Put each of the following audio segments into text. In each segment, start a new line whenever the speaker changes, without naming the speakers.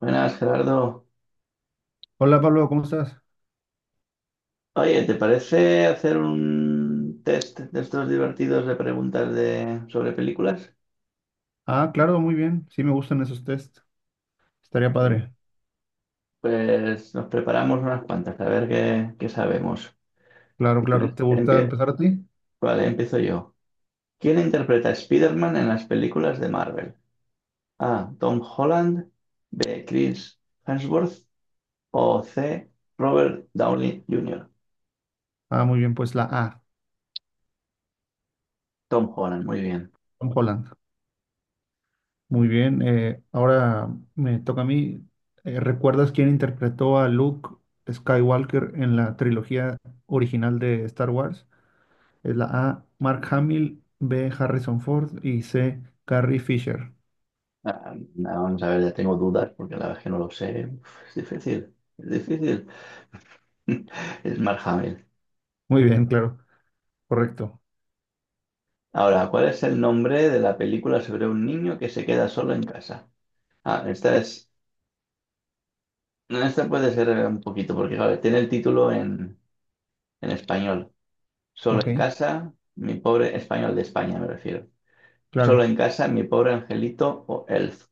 Buenas, Gerardo.
Hola Pablo, ¿cómo estás?
Oye, ¿te parece hacer un test de estos divertidos de preguntas sobre películas?
Ah, claro, muy bien. Sí, me gustan esos test. Estaría
Eh,
padre.
Pues nos preparamos unas cuantas, a ver qué sabemos.
Claro,
Si
claro.
quieres,
¿Te gusta
empie-
empezar a ti?
Vale, empiezo yo. ¿Quién interpreta a Spider-Man en las películas de Marvel? A. Tom Holland, B. Chris Hemsworth o C. Robert Downey Jr.
Ah, muy bien, pues la A,
Tom Holland, muy bien.
Tom Holland. Muy bien. Ahora me toca a mí. ¿Recuerdas quién interpretó a Luke Skywalker en la trilogía original de Star Wars? Es la A, Mark Hamill, B, Harrison Ford y C, Carrie Fisher.
Nada, vamos a ver, ya tengo dudas porque la verdad es que no lo sé. Uf, es difícil, es difícil. Es Mark.
Muy bien, claro. Correcto.
Ahora, ¿cuál es el nombre de la película sobre un niño que se queda solo en casa? Ah, esta es. No, Esta puede ser un poquito, porque claro, tiene el título en español. Solo
Ok,
en casa, mi pobre español de España, me refiero. Solo
claro.
en casa, mi pobre angelito o Elf.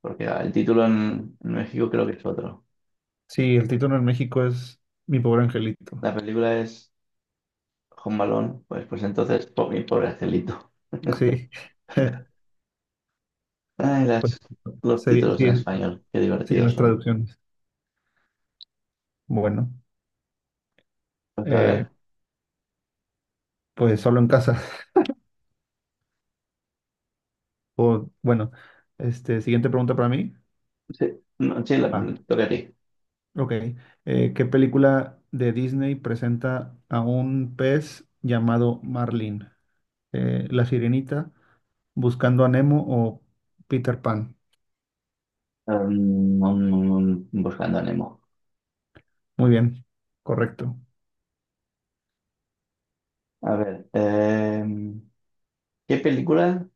Porque el título en México creo que es otro.
Sí, el título en México es Mi pobre angelito.
La película es Home Alone, pues entonces, mi pobre angelito.
Sí.
Ay,
Pues,
los
sería,
títulos
sí,
en español, qué
sí,
divertidos
las
son.
traducciones. Bueno,
Pues a
eh,
ver.
pues solo en casa. O, bueno, este, siguiente pregunta para mí.
Sí, no, sí,
Ah,
te toca a ti.
ok. ¿Qué película de Disney presenta a un pez llamado Marlin? ¿La Sirenita, Buscando a Nemo o Peter Pan?
Um, um, buscando a Nemo.
Muy bien, correcto.
A ver, ¿qué película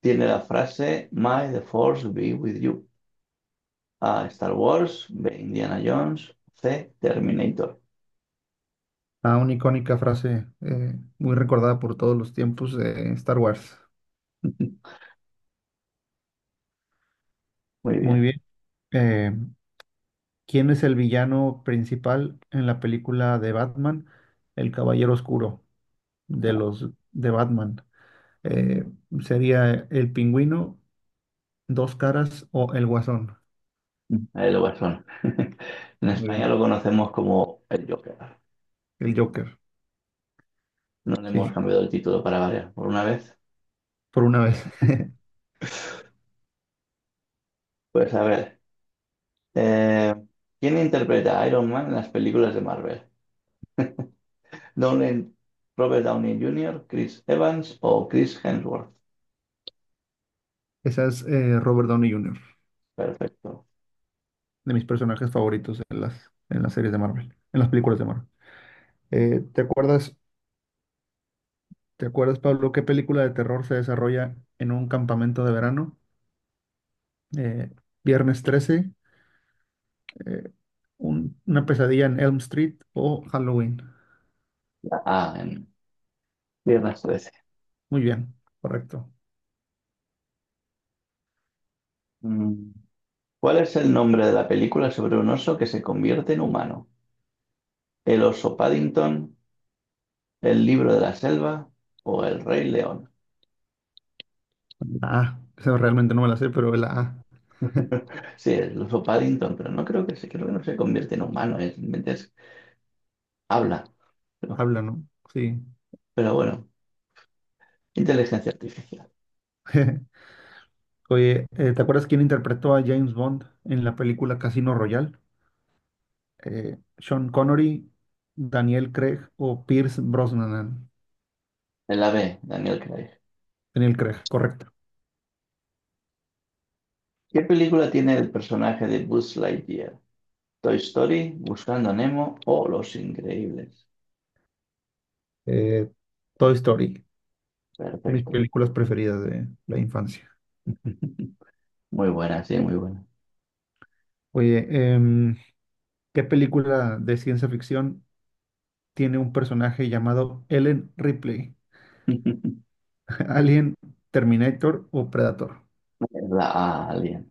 tiene la frase May the Force be with you? A. Star Wars, B. Indiana Jones, C. Terminator.
Ah, una icónica frase muy recordada por todos los tiempos de Star Wars.
Muy
Muy
bien.
bien. eh, ¿Quién es el villano principal en la película de Batman? El Caballero Oscuro de los de Batman. Eh, Sería el Pingüino, Dos Caras o el Guasón.
Ahí lo guasón. En
Muy
España
bien.
lo conocemos como el Joker.
El Joker.
No le hemos
Sí,
cambiado el título para variar por una vez.
por una vez.
Pues a ver, eh, ¿quién interpreta a Iron Man en las películas de Marvel? Downey, Robert Downey Jr., Chris Evans o Chris Hemsworth.
Esa es Robert Downey Jr.,
Perfecto.
de mis personajes favoritos en las series de Marvel, en las películas de Marvel. Eh, ¿te acuerdas, te acuerdas, Pablo, qué película de terror se desarrolla en un campamento de verano? Eh, Viernes 13, eh, una pesadilla en Elm Street o Halloween.
Ah, en Viernes 13.
Muy bien, correcto.
Mm. ¿Cuál es el nombre de la película sobre un oso que se convierte en humano? ¿El oso Paddington, el libro de la selva o el Rey León?
La A. Esa realmente no me la sé, pero la A
Sí, el oso Paddington, pero no creo que se, creo que no se convierte en humano, es, simplemente es- habla. Pero,
habla, ¿no? Sí.
pero bueno, inteligencia artificial.
Oye, ¿te acuerdas quién interpretó a James Bond en la película Casino Royale? Sean Connery, Daniel Craig o Pierce Brosnan.
En la B, Daniel Craig.
Daniel Craig, correcto.
¿Qué película tiene el personaje de Buzz Lightyear? Toy Story, Buscando a Nemo o Los Increíbles.
Eh, Toy Story, de mis
Perfecto.
películas preferidas de la infancia.
Muy buena, sí, muy buena.
Oye, em, ¿qué película de ciencia ficción tiene un personaje llamado Ellen Ripley, Alien, Terminator o Predator?
La Alien.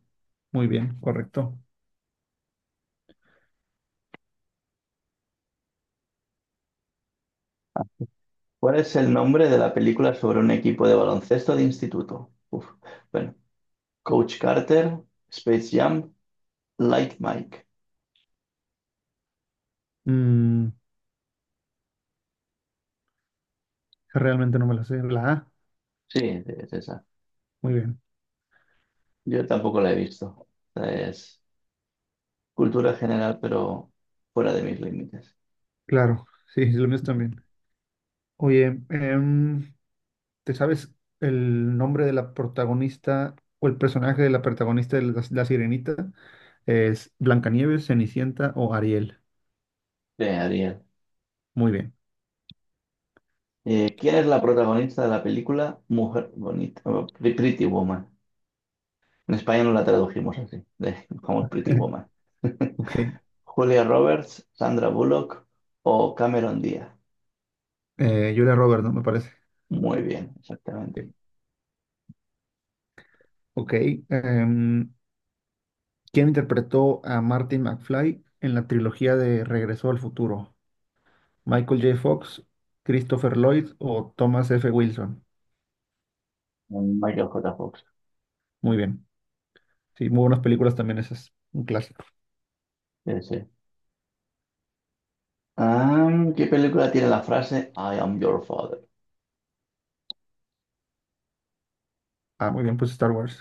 Muy bien, correcto.
¿Cuál es el nombre de la película sobre un equipo de baloncesto de instituto? Uf. Bueno, Coach Carter, Space Jam, Like Mike.
Mm, realmente no me la sé. La A,
Sí, sí, es esa.
muy bien.
Yo tampoco la he visto. Esta es cultura general, pero fuera de mis límites.
Claro, sí, sí, lo mío también. Oye, ¿te sabes el nombre de la protagonista o el personaje de la protagonista de La Sirenita? ¿Es Blancanieves, Cenicienta o Ariel?
Bien, Ariel.
Muy bien.
¿Quién es la protagonista de la película Mujer Bonita? Oh, Pretty Woman. En España no la tradujimos así, como Pretty Woman.
Ok.
Julia Roberts, Sandra Bullock o Cameron Díaz.
Julia Roberts, ¿no? Me parece.
Muy bien, exactamente.
Ok. Ok, em, ¿quién interpretó a Martin McFly en la trilogía de Regreso al Futuro? ¿Michael J. Fox, Christopher Lloyd o Thomas F. Wilson?
Michael J. Fox.
Muy bien. Sí, muy buenas películas también esas. Un clásico.
Sí, sí. ¿Qué película tiene la frase I am your father?
Ah, muy bien, pues Star Wars.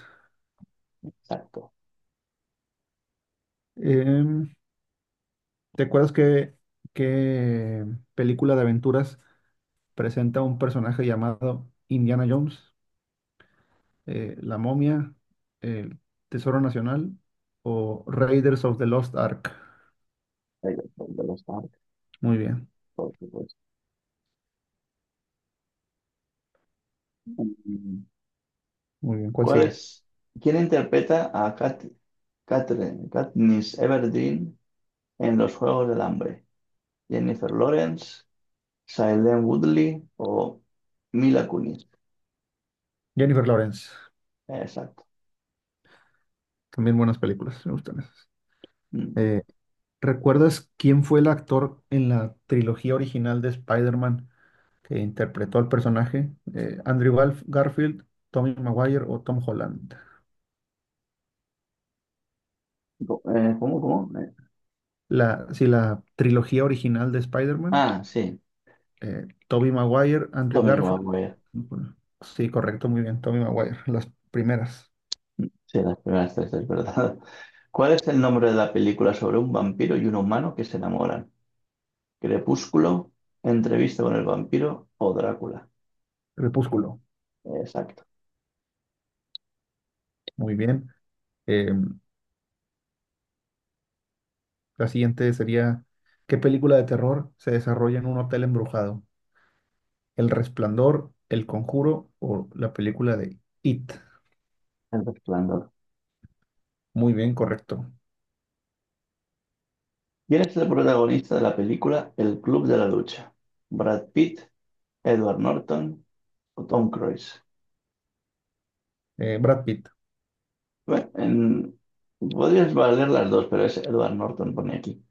Exacto.
Em, ¿Te acuerdas que qué película de aventuras presenta un personaje llamado Indiana Jones? ¿La momia, el Tesoro Nacional o Raiders of the Lost Ark?
De los Stark,
Muy bien,
por supuesto. Mm,
muy bien. ¿Cuál
¿cuál
sigue?
es? ¿Quién interpreta a Katniss Everdeen en Los Juegos del Hambre? ¿Jennifer Lawrence, Shailene Woodley o Mila Kunis?
Jennifer Lawrence.
Exacto.
También buenas películas, me gustan esas.
Mm.
Eh, ¿Recuerdas quién fue el actor en la trilogía original de Spider-Man que interpretó al personaje? ¿Andrew Garfield, Tommy Maguire o Tom Holland?
¿Cómo, cómo?
La, sí, la trilogía original de Spider-Man,
Ah, sí,
Tobey Maguire, Andrew
Tommy
Garfield.
Maguire.
Bueno, sí, correcto, muy bien, Tommy Maguire, las primeras.
Sí, las primeras tres, es verdad. ¿Cuál es el nombre de la película sobre un vampiro y un humano que se enamoran? ¿Crepúsculo, Entrevista con el vampiro o Drácula?
Crepúsculo,
Exacto.
muy bien. Eh, la siguiente sería, ¿qué película de terror se desarrolla en un hotel embrujado? El Resplandor, El Conjuro o la película de It.
El Resplandor.
Muy bien, correcto.
¿Quién es el protagonista de la película El Club de la Lucha? ¿Brad Pitt, Edward Norton o Tom Cruise?
Brad Pitt.
Bueno, podrías valer las dos, pero es Edward Norton, pone aquí.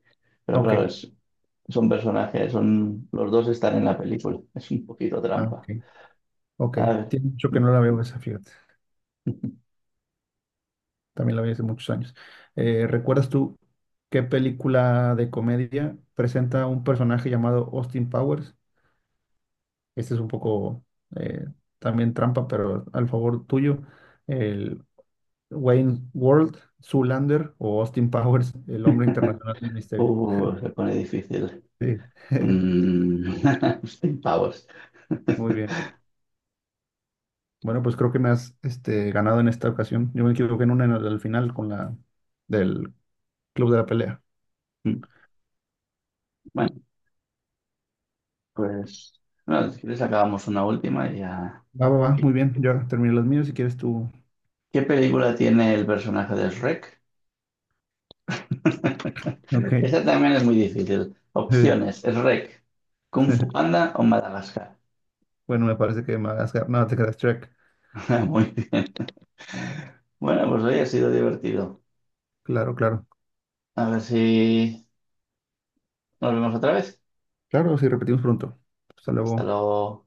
Pero claro,
Ok.
es son personajes, los dos están en la película. Es un poquito
Ah, ok.
trampa.
Ok.
A ver,
Tiene mucho que no la veo esa, fíjate. También la vi hace muchos años. ¿Recuerdas tú qué película de comedia presenta un personaje llamado Austin Powers? Este es un poco eh, también trampa, pero al favor tuyo. El Wayne World, Zoolander o Austin Powers, el hombre internacional del misterio.
se pone difícil.
Sí.
Mm. 100 pavos.
Muy bien. Bueno, pues creo que me has este, ganado en esta ocasión. Yo me equivoqué en una en al final con la del club de la pelea.
Bueno, pues bueno, si quieres acabamos una última y ya.
Va, va, va, muy bien. Yo ahora terminé los míos si quieres tú.
¿Qué película tiene el personaje de Shrek?
Ok.
Esa también es muy difícil.
Sí.
Opciones, Shrek, Kung Fu Panda o Madagascar.
Bueno, me parece que me has ganado. No, te quedas track.
Muy bien. Bueno, pues hoy ha sido divertido.
Claro, claro.
A ver si nos vemos otra vez.
Claro, sí, repetimos pronto. Hasta
Hasta
luego.
luego.